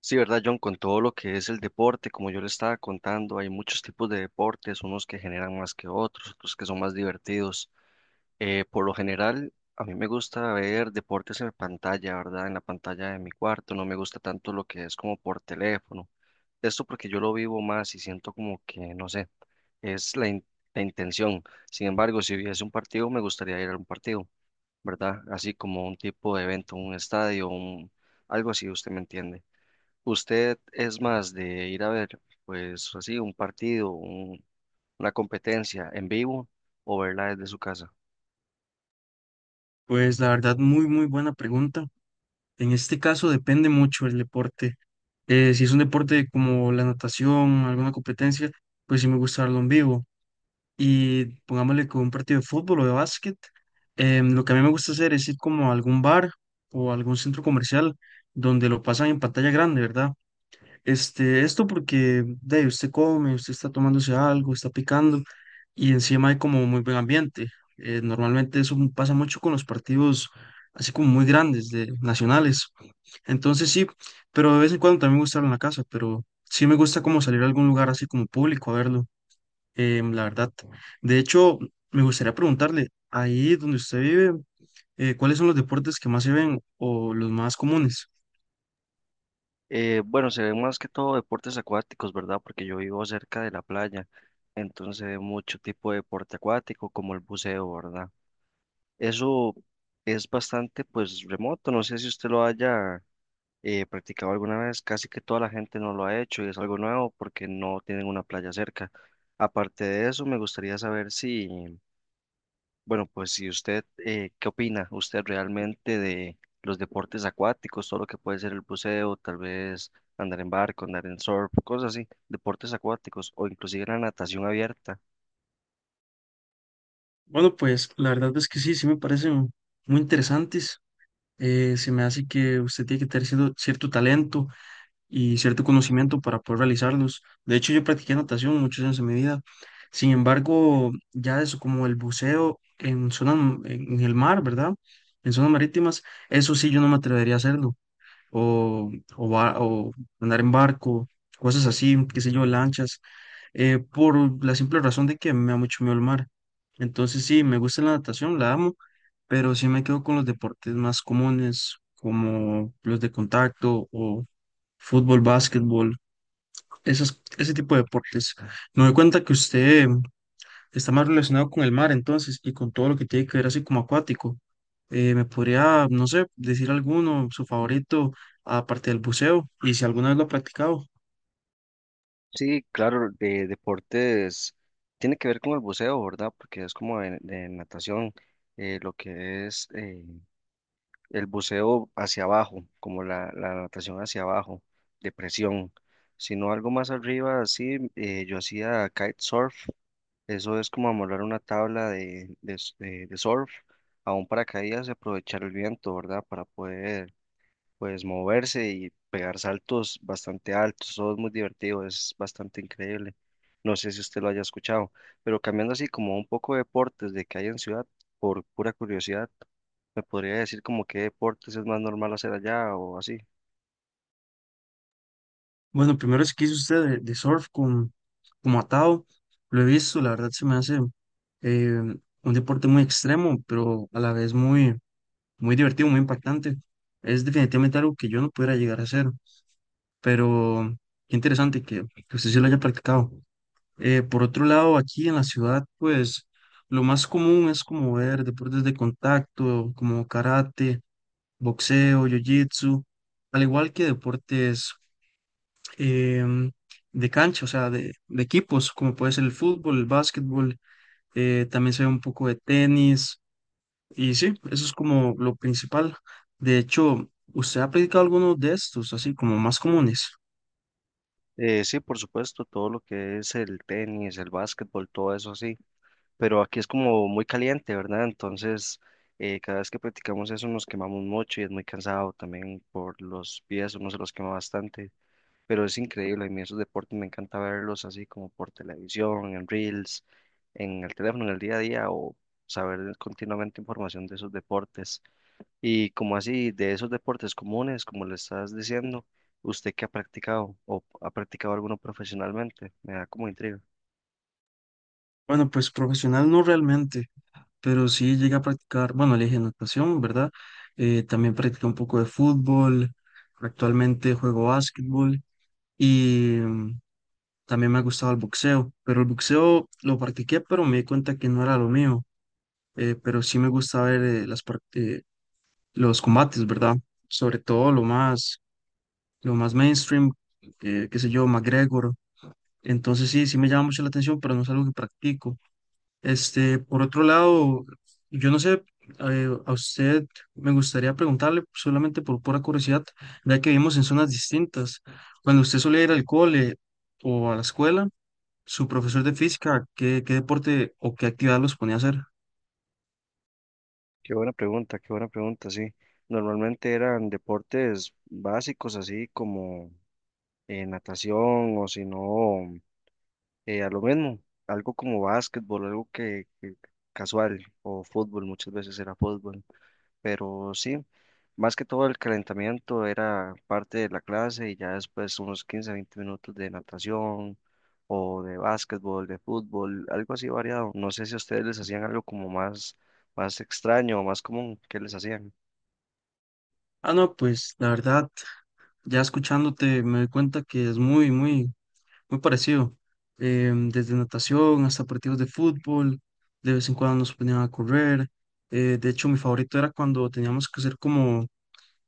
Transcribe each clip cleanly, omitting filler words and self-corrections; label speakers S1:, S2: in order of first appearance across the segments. S1: Sí, ¿verdad, John? Con todo lo que es el deporte, como yo le estaba contando, hay muchos tipos de deportes, unos que generan más que otros, otros que son más divertidos. Por lo general, a mí me gusta ver deportes en pantalla, ¿verdad? En la pantalla de mi cuarto, no me gusta tanto lo que es como por teléfono. Esto porque yo lo vivo más y siento como que, no sé, es la, la intención. Sin embargo, si hubiese un partido, me gustaría ir a un partido, ¿verdad? Así como un tipo de evento, un estadio, un, algo así, usted me entiende. ¿Usted es más de ir a ver, pues así, un partido, una competencia en vivo o verla desde su casa?
S2: Pues la verdad, muy, muy buena pregunta. En este caso depende mucho el deporte. Si es un deporte como la natación, alguna competencia, pues sí me gusta verlo en vivo. Y pongámosle con un partido de fútbol o de básquet, lo que a mí me gusta hacer es ir como a algún bar o algún centro comercial donde lo pasan en pantalla grande, ¿verdad? Esto porque de ahí, usted come, usted está tomándose algo, está picando y encima hay como muy buen ambiente. Normalmente eso pasa mucho con los partidos así como muy grandes de nacionales. Entonces sí, pero de vez en cuando también me gusta verlo en la casa, pero sí me gusta como salir a algún lugar así como público a verlo, la verdad. De hecho, me gustaría preguntarle, ahí donde usted vive, ¿cuáles son los deportes que más se ven o los más comunes?
S1: Bueno, se ven más que todo deportes acuáticos, ¿verdad? Porque yo vivo cerca de la playa, entonces se ve mucho tipo de deporte acuático como el buceo, ¿verdad? Eso es bastante, pues, remoto, no sé si usted lo haya practicado alguna vez, casi que toda la gente no lo ha hecho y es algo nuevo porque no tienen una playa cerca. Aparte de eso, me gustaría saber si... Bueno, pues si usted qué opina. ¿Usted realmente de los deportes acuáticos, todo lo que puede ser el buceo, tal vez andar en barco, andar en surf, cosas así, deportes acuáticos o inclusive la natación abierta?
S2: Bueno, pues la verdad es que sí, sí me parecen muy interesantes. Se me hace que usted tiene que tener cierto, cierto talento y cierto conocimiento para poder realizarlos. De hecho, yo practiqué natación muchos años de mi vida. Sin embargo, ya eso como el buceo en zonas, en el mar, ¿verdad? En zonas marítimas, eso sí yo no me atrevería a hacerlo. O, o, o andar en barco, cosas así, qué sé yo, lanchas por la simple razón de que me da mucho miedo el mar. Entonces sí, me gusta la natación, la amo, pero sí me quedo con los deportes más comunes, como los de contacto o fútbol, básquetbol, esas, ese tipo de deportes. Me doy cuenta que usted está más relacionado con el mar entonces y con todo lo que tiene que ver así como acuático. ¿Me podría, no sé, decir alguno, su favorito, aparte del buceo, y si alguna vez lo ha practicado?
S1: Sí, claro, de deportes tiene que ver con el buceo, ¿verdad? Porque es como de natación, lo que es el buceo hacia abajo, como la natación hacia abajo, de presión, sino algo más arriba, así, yo hacía kitesurf, eso es como amarrar una tabla de surf a un paracaídas y aprovechar el viento, ¿verdad? Para poder, pues, moverse y pegar saltos bastante altos, todo es muy divertido, es bastante increíble. No sé si usted lo haya escuchado, pero cambiando así como un poco de deportes de que hay en ciudad, por pura curiosidad. ¿Me podría decir como qué deportes es más normal hacer allá o así?
S2: Bueno, primero es que hizo usted de surf con, como atado. Lo he visto, la verdad se me hace eh, un deporte muy extremo, pero a la vez muy, muy divertido, muy impactante. Es definitivamente algo que yo no pudiera llegar a hacer, pero qué interesante que usted sí lo haya practicado. Por otro lado, aquí en la ciudad, pues lo más común es como ver deportes de contacto, como karate, boxeo, jiu-jitsu, al igual que deportes em, de cancha, o sea, de equipos, como puede ser el fútbol, el básquetbol, también se ve un poco de tenis, y sí, eso es como lo principal. De hecho, ¿usted ha practicado alguno de estos, así como más comunes?
S1: Sí, por supuesto, todo lo que es el tenis, el básquetbol, todo eso sí, pero aquí es como muy caliente, ¿verdad? Entonces, cada vez que practicamos eso nos quemamos mucho y es muy cansado también por los pies, uno se los quema bastante, pero es increíble, a mí esos deportes me encanta verlos así como por televisión, en reels, en el teléfono, en el día a día o saber continuamente información de esos deportes. Y como así, de esos deportes comunes, como le estás diciendo, ¿usted qué ha practicado o ha practicado alguno profesionalmente? Me da como intriga.
S2: Bueno, pues profesional no realmente, pero sí llegué a practicar, bueno, le dije natación, ¿verdad? También practiqué un poco de fútbol, actualmente juego básquetbol y también me ha gustado el boxeo, pero el boxeo lo practiqué, pero me di cuenta que no era lo mío pero sí me gusta ver los combates, ¿verdad? Sobre todo lo más mainstream, qué sé yo, McGregor. Entonces sí, sí me llama mucho la atención, pero no es algo que practico. Por otro lado, yo no sé, a usted me gustaría preguntarle solamente por pura curiosidad, ya que vivimos en zonas distintas. Cuando usted solía ir al cole o a la escuela, su profesor de física, ¿qué, qué deporte o qué actividad los ponía a hacer?
S1: Qué buena pregunta, sí. Normalmente eran deportes básicos, así como natación o si no, a lo mismo, algo como básquetbol, algo que casual o fútbol, muchas veces era fútbol. Pero sí, más que todo el calentamiento era parte de la clase y ya después unos 15, 20 minutos de natación o de básquetbol, de fútbol, algo así variado. No sé si a ustedes les hacían algo como más extraño o más común que les hacían.
S2: Ah, no, pues la verdad. Ya escuchándote me doy cuenta que es muy, muy, muy parecido. Desde natación hasta partidos de fútbol, de vez en cuando nos ponían a correr. De hecho, mi favorito era cuando teníamos que hacer como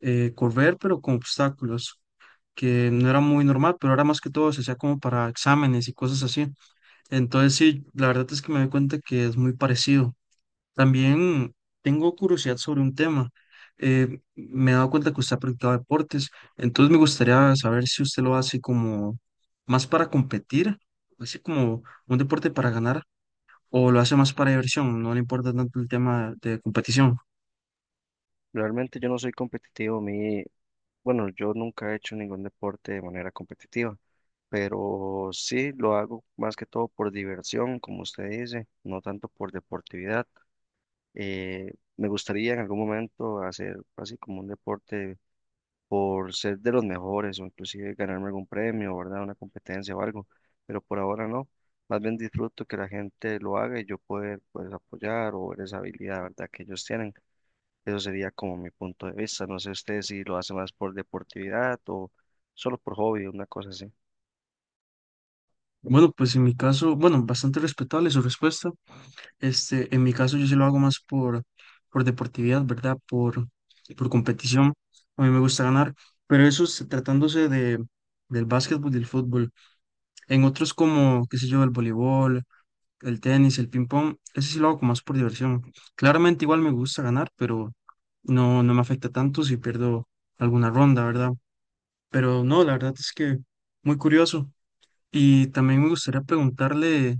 S2: correr, pero con obstáculos, que no era muy normal, pero ahora más que todo se hacía como para exámenes y cosas así. Entonces, sí, la verdad es que me doy cuenta que es muy parecido. También tengo curiosidad sobre un tema. Me he dado cuenta que usted ha practicado deportes, entonces me gustaría saber si usted lo hace como más para competir, así como un deporte para ganar, o lo hace más para diversión, no le importa tanto el tema de competición.
S1: Realmente yo no soy competitivo, mi, bueno, yo nunca he hecho ningún deporte de manera competitiva, pero sí lo hago más que todo por diversión, como usted dice, no tanto por deportividad. Me gustaría en algún momento hacer así como un deporte por ser de los mejores o inclusive ganarme algún premio, ¿verdad? Una competencia o algo, pero por ahora no. Más bien disfruto que la gente lo haga y yo poder pues apoyar o ver esa habilidad, ¿verdad? Que ellos tienen. Eso sería como mi punto de vista. No sé usted si lo hace más por deportividad o solo por hobby, una cosa así.
S2: Bueno, pues en mi caso, bueno, bastante respetable su respuesta. En mi caso yo sí lo hago más por deportividad, ¿verdad? Por competición. A mí me gusta ganar, pero eso es tratándose de, del básquetbol y del fútbol. En otros como, qué sé yo, el voleibol, el tenis, el ping pong, ese sí lo hago como más por diversión. Claramente igual me gusta ganar, pero no, no me afecta tanto si pierdo alguna ronda, ¿verdad? Pero no, la verdad es que muy curioso. Y también me gustaría preguntarle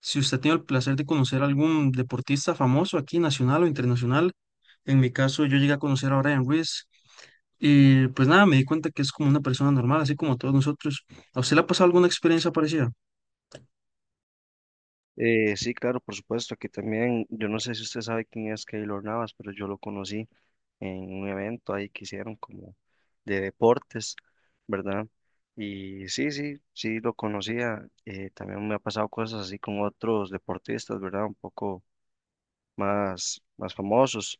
S2: si usted tiene el placer de conocer algún deportista famoso aquí, nacional o internacional. En mi caso, yo llegué a conocer a Brian Ruiz. Y pues nada, me di cuenta que es como una persona normal, así como todos nosotros. ¿A usted le ha pasado alguna experiencia parecida?
S1: Sí, claro, por supuesto. Aquí también, yo no sé si usted sabe quién es Keylor Navas, pero yo lo conocí en un evento ahí que hicieron como de deportes, ¿verdad? Y sí, sí, sí, lo conocía. También me ha pasado cosas así con otros deportistas, ¿verdad? Un poco más famosos,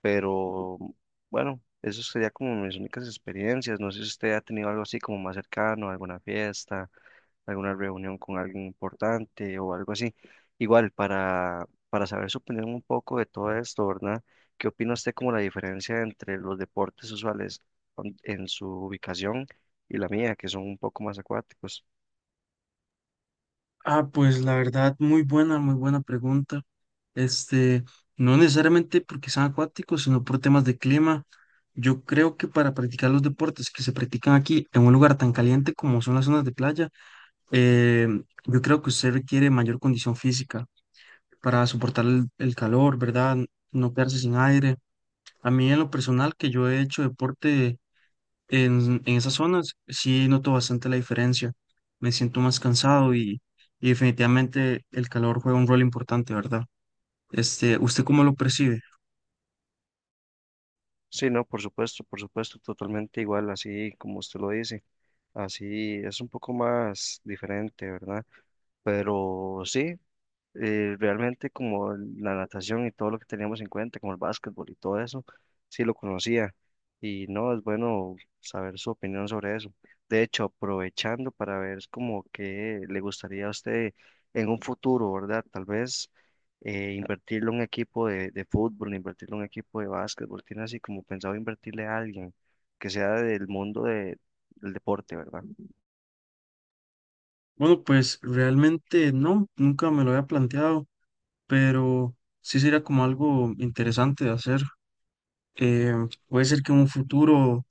S1: pero bueno, eso sería como mis únicas experiencias. No sé si usted ha tenido algo así como más cercano, alguna fiesta, alguna reunión con alguien importante o algo así. Igual, para saber su opinión un poco de todo esto, ¿verdad? ¿Qué opina usted como la diferencia entre los deportes usuales en su ubicación y la mía, que son un poco más acuáticos?
S2: Ah, pues la verdad, muy buena pregunta. Este, no necesariamente porque sean acuáticos, sino por temas de clima. Yo creo que para practicar los deportes que se practican aquí en un lugar tan caliente como son las zonas de playa, eh, yo creo que usted requiere mayor condición física para soportar el calor, ¿verdad? No quedarse sin aire. A mí en lo personal, que yo he hecho deporte en esas zonas sí noto bastante la diferencia. Me siento más cansado y definitivamente el calor juega un rol importante, ¿verdad? ¿Usted cómo lo percibe?
S1: Sí, no, por supuesto, totalmente igual, así como usted lo dice. Así es un poco más diferente, ¿verdad? Pero sí. Realmente como la natación y todo lo que teníamos en cuenta, como el básquetbol y todo eso, sí lo conocía. Y no, es bueno saber su opinión sobre eso. De hecho, aprovechando para ver es como que le gustaría a usted en un futuro, ¿verdad? Tal vez invertirlo en un equipo de fútbol, invertirlo en un equipo de básquetbol, tiene así como pensado invertirle a alguien que sea del del deporte, ¿verdad?
S2: Bueno, pues realmente no, nunca me lo había planteado, pero sí sería como algo interesante de hacer. Eh, puede ser que en un futuro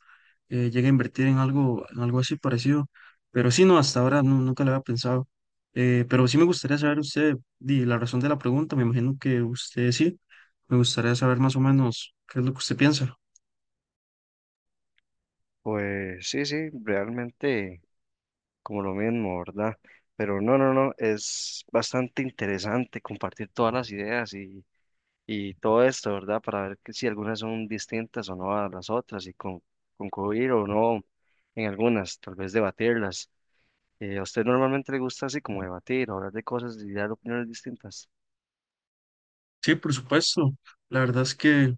S2: llegue a invertir en algo así parecido. Pero sí, no, hasta ahora nunca lo había pensado. Pero sí me gustaría saber usted, di, la razón de la pregunta, me imagino que usted sí, me gustaría saber más o menos qué es lo que usted piensa.
S1: Pues sí, sí, realmente, como lo mismo, ¿verdad? Pero no, no, no, es bastante interesante compartir todas las ideas y todo esto, ¿verdad? Para ver que si algunas son distintas o no a las otras y concluir o no en algunas, tal vez debatirlas. ¿A usted normalmente le gusta así como debatir, hablar de cosas y dar opiniones distintas?
S2: Sí, por supuesto. La verdad es que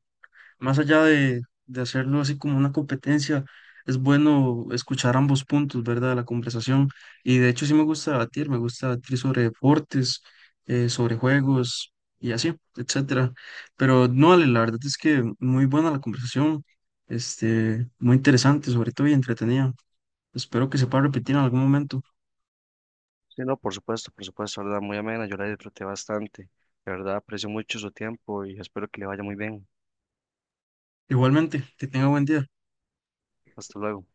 S2: más allá de hacerlo así como una competencia, es bueno escuchar ambos puntos, ¿verdad? De la conversación. Y de hecho sí me gusta debatir sobre deportes, sobre juegos y así, etcétera. Pero no, Ale, la verdad es que muy buena la conversación, muy interesante, sobre todo y entretenida. Espero que se pueda repetir en algún momento.
S1: Sí, no, por supuesto, ¿verdad? Muy amena, yo la disfruté bastante. De verdad, aprecio mucho su tiempo y espero que le vaya muy bien.
S2: Igualmente, que tenga buen día.
S1: Hasta luego.